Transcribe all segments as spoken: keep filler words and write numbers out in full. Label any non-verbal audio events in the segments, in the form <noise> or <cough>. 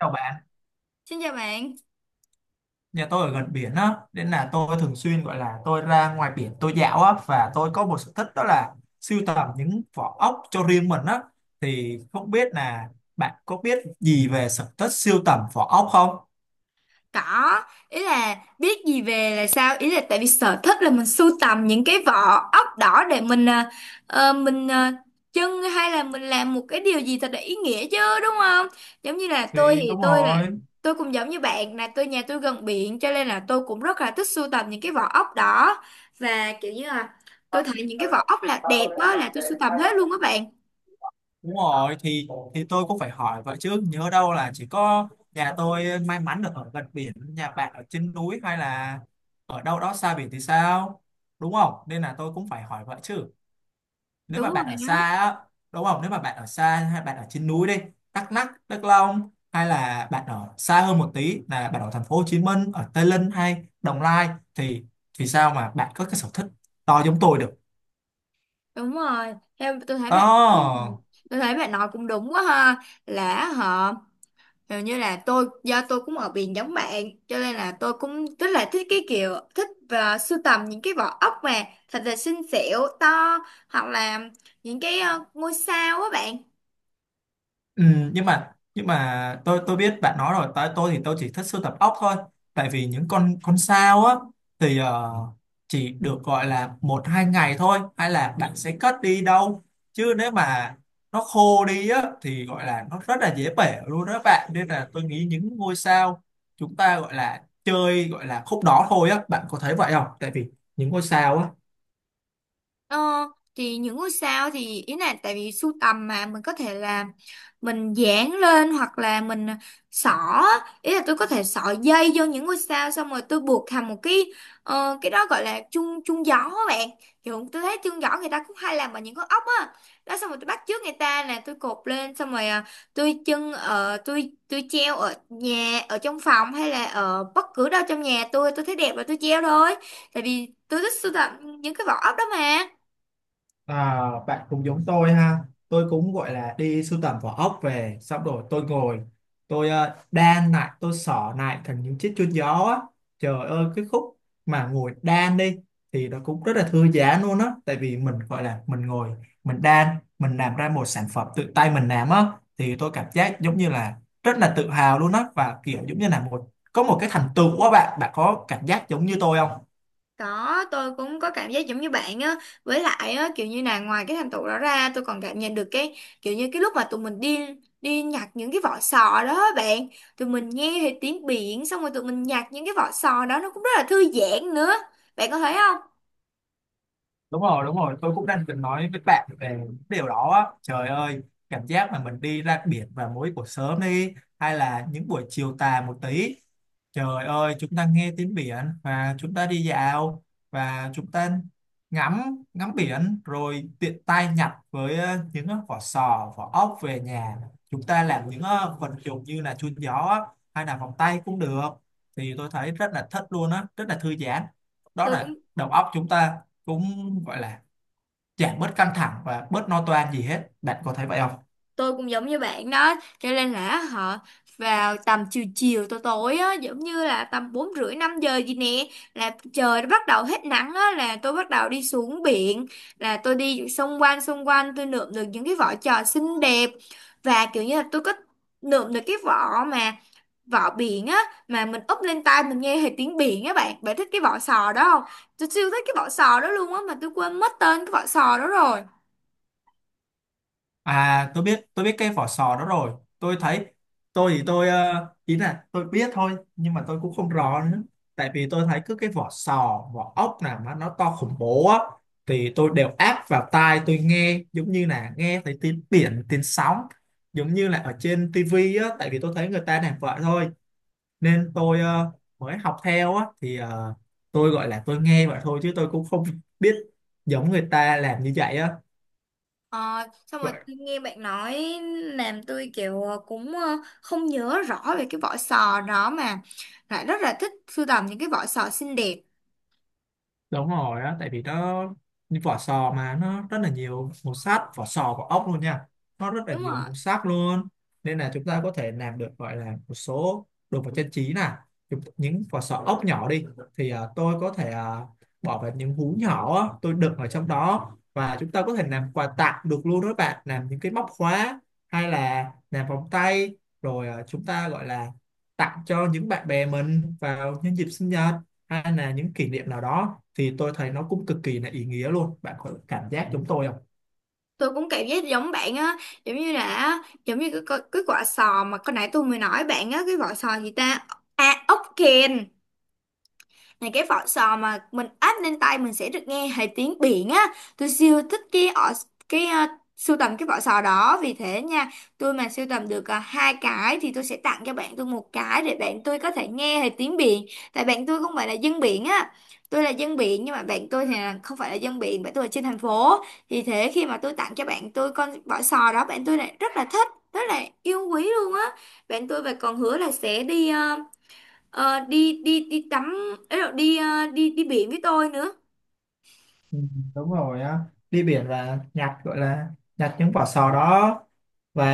Chào bạn, Xin chào bạn. nhà tôi ở gần biển á, nên là tôi thường xuyên gọi là tôi ra ngoài biển tôi dạo á, và tôi có một sở thích đó là sưu tầm những vỏ ốc cho riêng mình á. Thì không biết là bạn có biết gì về sở thích sưu tầm vỏ ốc không? Có, ý là biết gì về là sao? Ý là tại vì sở thích là mình sưu tầm những cái vỏ ốc đỏ để mình à, ờ, mình à, trưng hay là mình làm một cái điều gì thật là ý nghĩa chứ đúng không? Giống như là tôi Thì thì đúng tôi là rồi, tôi cũng giống như bạn, là tôi nhà tôi gần biển, cho nên là tôi cũng rất là thích sưu tầm những cái vỏ ốc đỏ, và kiểu như là tôi thấy những cái vỏ ốc là đẹp đó là tôi sưu tầm hết luôn các bạn. đúng rồi, thì thì tôi cũng phải hỏi vậy chứ, nhớ đâu là chỉ có nhà tôi may mắn được ở gần biển, nhà bạn ở trên núi hay là ở đâu đó xa biển thì sao? Đúng không? Nên là tôi cũng phải hỏi vậy chứ. Nếu Đúng mà bạn rồi ở xa á, đúng không, nếu mà bạn ở xa hay bạn ở trên núi đi, Đắk Lắk, Đắk Nông, hay là bạn ở xa hơn một tí là bạn ở thành phố Hồ Chí Minh, ở Tây Ninh hay Đồng Nai, thì thì sao mà bạn có cái sở thích to giống tôi được. Đúng rồi, theo tôi thấy bạn Đó. <clears throat> tôi thấy bạn nói cũng đúng quá ha, là họ hình như là tôi do tôi cũng ở biển giống bạn, cho nên là tôi cũng rất là thích cái kiểu thích và sưu tầm những cái vỏ ốc mà thật là xinh xẻo to, hoặc là những cái ờ, ngôi sao á bạn. Ừ, nhưng mà nhưng mà tôi tôi biết bạn nói rồi, tại tôi thì tôi chỉ thích sưu tập ốc thôi, tại vì những con con sao á thì ờ, chỉ được gọi là một hai ngày thôi, hay là bạn sẽ cất đi đâu, chứ nếu mà nó khô đi á thì gọi là nó rất là dễ bể luôn đó bạn, nên là tôi nghĩ những ngôi sao chúng ta gọi là chơi gọi là khúc đó thôi á, bạn có thấy vậy không, tại vì những ngôi sao á. Ờ, thì những ngôi sao thì ý là tại vì sưu tầm mà mình có thể là mình dán lên hoặc là mình xỏ á. Ý là tôi có thể xỏ dây vô những ngôi sao xong rồi tôi buộc thành một cái ờ, cái đó gọi là chuông chuông gió á bạn, kiểu tôi thấy chuông gió người ta cũng hay làm bằng những con ốc á đó, xong rồi tôi bắt chước người ta là tôi cột lên xong rồi à, tôi chân ở tôi tôi treo ở nhà ở trong phòng hay là ở bất cứ đâu trong nhà, tôi tôi thấy đẹp là tôi treo thôi, tại vì tôi thích sưu tầm những cái vỏ ốc đó mà. À, bạn cũng giống tôi ha, tôi cũng gọi là đi sưu tầm vỏ ốc về, xong rồi tôi ngồi tôi ờ, đan lại, tôi xỏ lại thành những chiếc chuông gió á. Trời ơi, cái khúc mà ngồi đan đi thì nó cũng rất là thư giãn luôn á, tại vì mình gọi là mình ngồi mình đan, mình làm ra một sản phẩm tự tay mình làm á, thì tôi cảm giác giống như là rất là tự hào luôn á, và kiểu giống như là một có một cái thành tựu á bạn. Bạn có cảm giác giống như tôi không? Có, tôi cũng có cảm giác giống như bạn á. Với lại á, kiểu như là ngoài cái thành tựu đó ra, tôi còn cảm nhận được cái kiểu như cái lúc mà tụi mình đi đi nhặt những cái vỏ sò đó á bạn, tụi mình nghe thấy tiếng biển, xong rồi tụi mình nhặt những cái vỏ sò đó, nó cũng rất là thư giãn nữa. Bạn có thấy không? Đúng rồi, đúng rồi, tôi cũng đang định nói với bạn về điều đó á. Trời ơi, cảm giác mà mình đi ra biển vào mỗi buổi sớm đi hay là những buổi chiều tà một tí. Trời ơi, chúng ta nghe tiếng biển và chúng ta đi dạo và chúng ta ngắm ngắm biển rồi tiện tay nhặt với ờ, những ờ, vỏ sò, vỏ ốc về nhà. Chúng ta làm những ờ, vật dụng như là chun gió á, hay là vòng tay cũng được. Thì tôi thấy rất là thích luôn á, rất là thư giãn. Đó Tôi là cũng đầu óc chúng ta cũng gọi là giảm bớt căng thẳng và bớt lo toan gì hết. Bạn có thấy vậy không? tôi cũng giống như bạn đó, cho nên là họ vào tầm chiều chiều tối tối á, giống như là tầm bốn rưỡi năm giờ gì nè, là trời nó bắt đầu hết nắng á là tôi bắt đầu đi xuống biển, là tôi đi xung quanh xung quanh tôi lượm được những cái vỏ trò xinh đẹp, và kiểu như là tôi có lượm được cái vỏ mà vỏ biển á, mà mình úp lên tai mình nghe hệt tiếng biển á bạn. Bạn thích cái vỏ sò đó không? Tôi siêu thích cái vỏ sò đó luôn á, mà tôi quên mất tên cái vỏ sò đó rồi. À, tôi biết, tôi biết cái vỏ sò đó rồi, tôi thấy tôi thì tôi ờ, ý là tôi biết thôi, nhưng mà tôi cũng không rõ nữa, tại vì tôi thấy cứ cái vỏ sò vỏ ốc nào mà nó to khủng bố á, thì tôi đều áp vào tai tôi nghe, giống như là nghe thấy tiếng biển, tiếng sóng, giống như là ở trên tivi á, tại vì tôi thấy người ta làm vậy thôi nên tôi ờ, mới học theo á, thì ờ, tôi gọi là tôi nghe vậy thôi, chứ tôi cũng không <laughs> biết giống người ta làm như vậy á. Ờ, Xong rồi tôi nghe bạn nói làm tôi kiểu ờ, cũng ờ, không nhớ rõ về cái vỏ sò đó mà lại rất là thích sưu tầm những cái vỏ sò xinh đẹp. Đúng rồi á, tại vì nó như vỏ sò mà nó rất là nhiều màu sắc, vỏ sò vỏ ốc luôn nha, nó rất là Đúng nhiều rồi, màu sắc luôn, nên là chúng ta có thể làm được gọi là một số đồ vật trang trí nè. Chúng- những vỏ sò ốc nhỏ đi thì à, tôi có thể à, bỏ vào những hú nhỏ á, tôi đựng ở trong đó, và chúng ta có thể làm quà tặng được luôn đó các bạn, làm những cái móc khóa hay là làm vòng tay, rồi à, chúng ta gọi là tặng cho những bạn bè mình vào nhân dịp sinh nhật hay là những kỷ niệm nào đó, thì tôi thấy nó cũng cực kỳ là ý nghĩa luôn. Bạn có cảm giác giống tôi không? tôi cũng cảm giác giống bạn á, giống như là giống như cái, cái, cái quả sò mà hồi nãy tôi mới nói bạn á, cái vỏ sò gì ta, à ốc kèn. Này cái vỏ sò mà mình áp lên tay mình sẽ được nghe thấy tiếng biển á. Tôi siêu thích cái ở cái ờ, sưu tầm cái vỏ sò đó vì thế nha. Tôi mà sưu tầm được ờ, hai cái thì tôi sẽ tặng cho bạn tôi một cái để bạn tôi có thể nghe thấy tiếng biển. Tại bạn tôi không phải là dân biển á. Tôi là dân biển nhưng mà bạn tôi thì là không phải là dân biển, bạn tôi là trên thành phố. Vì thế khi mà tôi tặng cho bạn tôi con vỏ sò đó, bạn tôi lại rất là thích, rất là yêu quý luôn á. Bạn tôi và còn hứa là sẽ đi ờ, Ờ, đi đi đi tắm ấy, rồi đi ờ, đi đi biển với tôi nữa. Ừ, đúng rồi á, đi biển là nhặt gọi là nhặt những vỏ sò đó và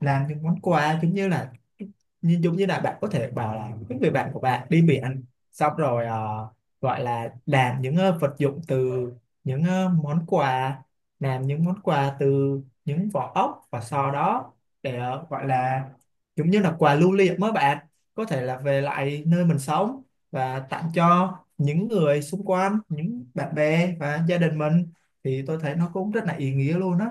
làm những món quà, giống như là như giống như là bạn có thể bảo là những người bạn của bạn đi biển, xong rồi ờ, gọi là làm những ờ, vật dụng từ những ờ, món quà, làm những món quà từ những vỏ ốc, và sau đó để ờ, gọi là giống như là quà lưu niệm, mới bạn có thể là về lại nơi mình sống và tặng cho những người xung quanh, những bạn bè và gia đình mình, thì tôi thấy nó cũng rất là ý nghĩa luôn á.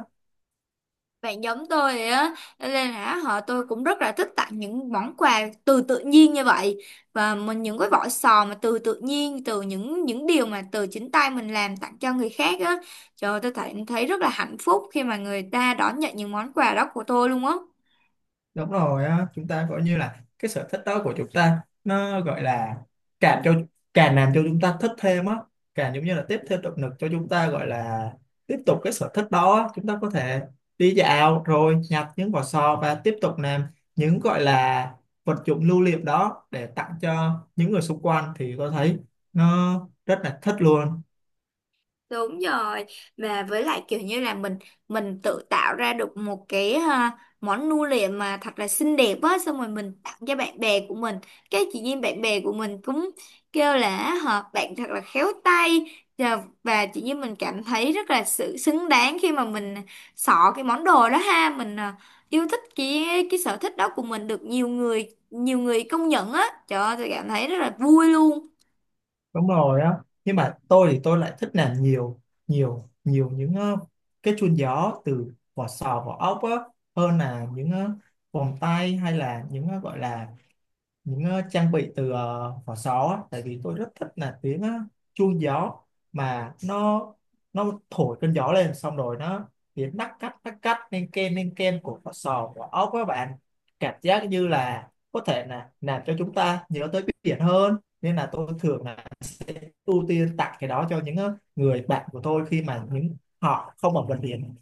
Bạn giống tôi vậy á. Cho nên là họ tôi cũng rất là thích tặng những món quà từ tự nhiên như vậy, và mình những cái vỏ sò mà từ tự nhiên, từ những những điều mà từ chính tay mình làm tặng cho người khác á. Trời ơi, tôi thấy thấy rất là hạnh phúc khi mà người ta đón nhận những món quà đó của tôi luôn á. Đúng rồi á, chúng ta gọi như là cái sở thích đó của chúng ta nó gọi là càng cho càng làm cho chúng ta thích thêm á, càng giống như là tiếp thêm động lực cho chúng ta, gọi là tiếp tục cái sở thích đó á. Chúng ta có thể đi dạo rồi nhặt những vỏ sò và tiếp tục làm những gọi là vật dụng lưu niệm đó để tặng cho những người xung quanh, thì có thấy nó rất là thích luôn. Đúng rồi, và với lại kiểu như là mình mình tự tạo ra được một cái ha, món nu liệm mà thật là xinh đẹp á, xong rồi mình tặng cho bạn bè của mình, cái chị nhiên bạn bè của mình cũng kêu là họ bạn thật là khéo tay, và, và chị nhiên mình cảm thấy rất là sự xứng đáng khi mà mình xỏ cái món đồ đó ha, mình à, yêu thích cái cái sở thích đó của mình được nhiều người nhiều người công nhận á. Trời ơi tôi cảm thấy rất là vui luôn. Đúng rồi á, nhưng mà tôi thì tôi lại thích làm nhiều, nhiều nhiều những ờ, cái chuông gió từ vỏ sò vỏ ốc á, hơn là những ờ, vòng tay hay là những ờ, gọi là những ờ, trang bị từ ờ, vỏ sò á, tại vì tôi rất thích là tiếng ờ, chuông gió, mà nó nó thổi cơn gió lên, xong rồi nó tiếng nắc cắt nắc cắt, nên ken nên ken của vỏ sò, của ốc, các bạn cảm giác như là có thể là làm cho chúng ta nhớ tới biển hơn, nên là tôi thường là sẽ ưu tiên tặng cái đó cho những ờ, người bạn của tôi khi mà những họ không ở gần biển.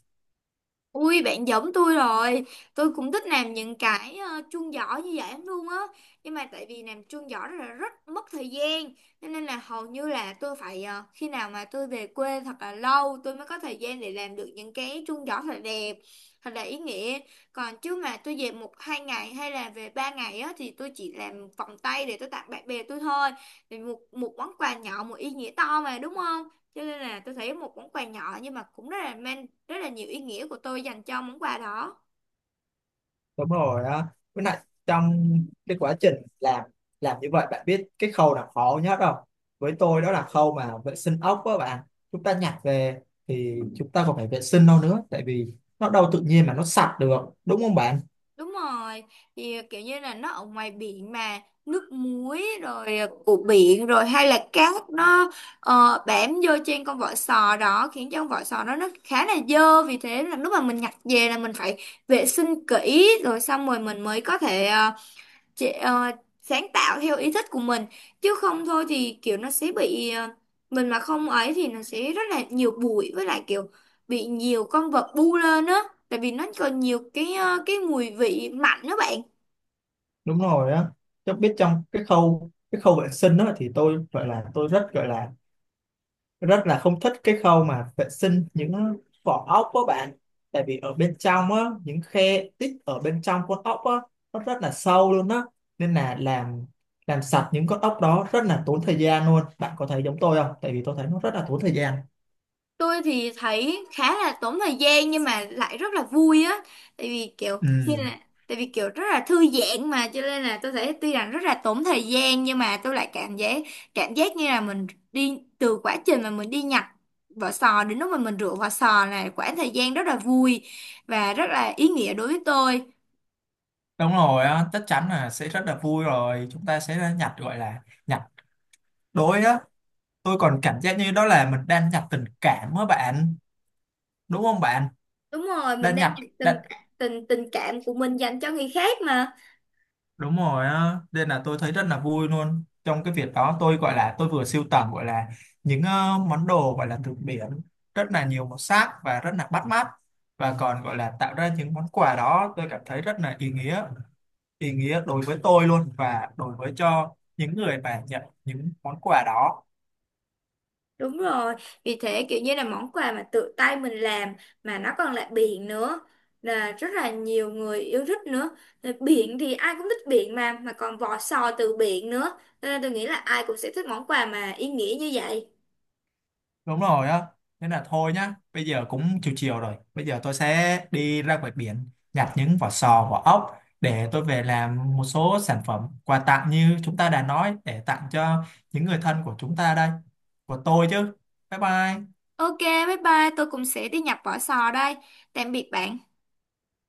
Ui bạn giống tôi rồi. Tôi cũng thích làm những cái ờ, chuông giỏ như vậy lắm luôn á. Nhưng mà tại vì làm chuông giỏ rất là rất mất thời gian, Nên nên là hầu như là tôi phải ờ, khi nào mà tôi về quê thật là lâu tôi mới có thời gian để làm được những cái chuông giỏ thật là đẹp, thật là ý nghĩa. Còn chứ mà tôi về một hai ngày hay là về ba ngày á, thì tôi chỉ làm vòng tay để tôi tặng bạn bè tôi thôi. Thì một, một món quà nhỏ một ý nghĩa to mà đúng không, cho nên là tôi thấy một món quà nhỏ nhưng mà cũng rất là mang rất là nhiều ý nghĩa của tôi dành cho món quà đó. Đúng rồi á, với lại trong cái quá trình làm làm như vậy, bạn biết cái khâu nào khó nhất không? Với tôi đó là khâu mà vệ sinh ốc á bạn, chúng ta nhặt về thì chúng ta còn phải vệ sinh đâu nữa, tại vì nó đâu tự nhiên mà nó sạch được, đúng không bạn? Đúng rồi, thì ờ, kiểu như là nó ở ngoài biển mà nước muối rồi, của biển rồi, hay là cát nó ờ, bám vô trên con vỏ sò đó khiến cho con vỏ sò đó nó khá là dơ, vì thế là lúc mà mình nhặt về là mình phải vệ sinh kỹ rồi xong rồi mình mới có thể ờ, chị, ờ, sáng tạo theo ý thích của mình, chứ không thôi thì kiểu nó sẽ bị ờ, mình mà không ấy thì nó sẽ rất là nhiều bụi, với lại kiểu bị nhiều con vật bu lên á, tại vì nó còn nhiều cái ờ, cái mùi vị mạnh đó bạn. Đúng rồi á, tôi biết trong cái khâu, cái khâu vệ sinh đó thì tôi gọi là tôi rất gọi là rất là không thích cái khâu mà vệ sinh những vỏ ốc của bạn, tại vì ở bên trong á, những khe tích ở bên trong con ốc á, nó rất là sâu luôn á, nên là làm làm sạch những con ốc đó rất là tốn thời gian luôn. Bạn có thấy giống tôi không, tại vì tôi thấy nó rất là tốn thời gian. Tôi thì thấy khá là tốn thời gian nhưng mà lại rất là vui á, tại vì kiểu như Ừ, là tại vì kiểu rất là thư giãn mà, cho nên là tôi thấy tuy rằng rất là tốn thời gian nhưng mà tôi lại cảm giác cảm giác như là mình đi từ quá trình mà mình đi nhặt vỏ sò đến lúc mà mình rửa vỏ sò là quãng thời gian rất là vui và rất là ý nghĩa đối với tôi. đúng rồi á, chắc chắn là sẽ rất là vui rồi. Chúng ta sẽ nhặt gọi là nhặt đối á. Tôi còn cảm giác như đó là mình đang nhặt tình cảm á bạn. Đúng không bạn? Đúng rồi, mình Đang đang nhặt, nhặt đang, từng từng tình cảm của mình dành cho người khác mà. đúng rồi á, nên là tôi thấy rất là vui luôn. Trong cái việc đó tôi gọi là tôi vừa sưu tầm gọi là những ờ, món đồ gọi là từ biển, rất là nhiều màu sắc và rất là bắt mắt, và còn gọi là tạo ra những món quà đó, tôi cảm thấy rất là ý nghĩa, ý nghĩa đối với tôi luôn và đối với cho những người mà nhận những món quà đó. Đúng rồi, vì thế kiểu như là món quà mà tự tay mình làm mà nó còn lại biển nữa là rất là nhiều người yêu thích nữa. Rồi biển thì ai cũng thích biển mà mà còn vỏ sò từ biển nữa, cho nên tôi nghĩ là ai cũng sẽ thích món quà mà ý nghĩa như vậy. Đúng rồi á, nên là thôi nhá, bây giờ cũng chiều chiều rồi, bây giờ tôi sẽ đi ra ngoài biển nhặt những vỏ sò vỏ ốc để tôi về làm một số sản phẩm quà tặng như chúng ta đã nói, để tặng cho những người thân của chúng ta đây, của tôi chứ. Bye bye. Ok, bye bye, tôi cũng sẽ đi nhập vỏ sò đây. Tạm biệt bạn.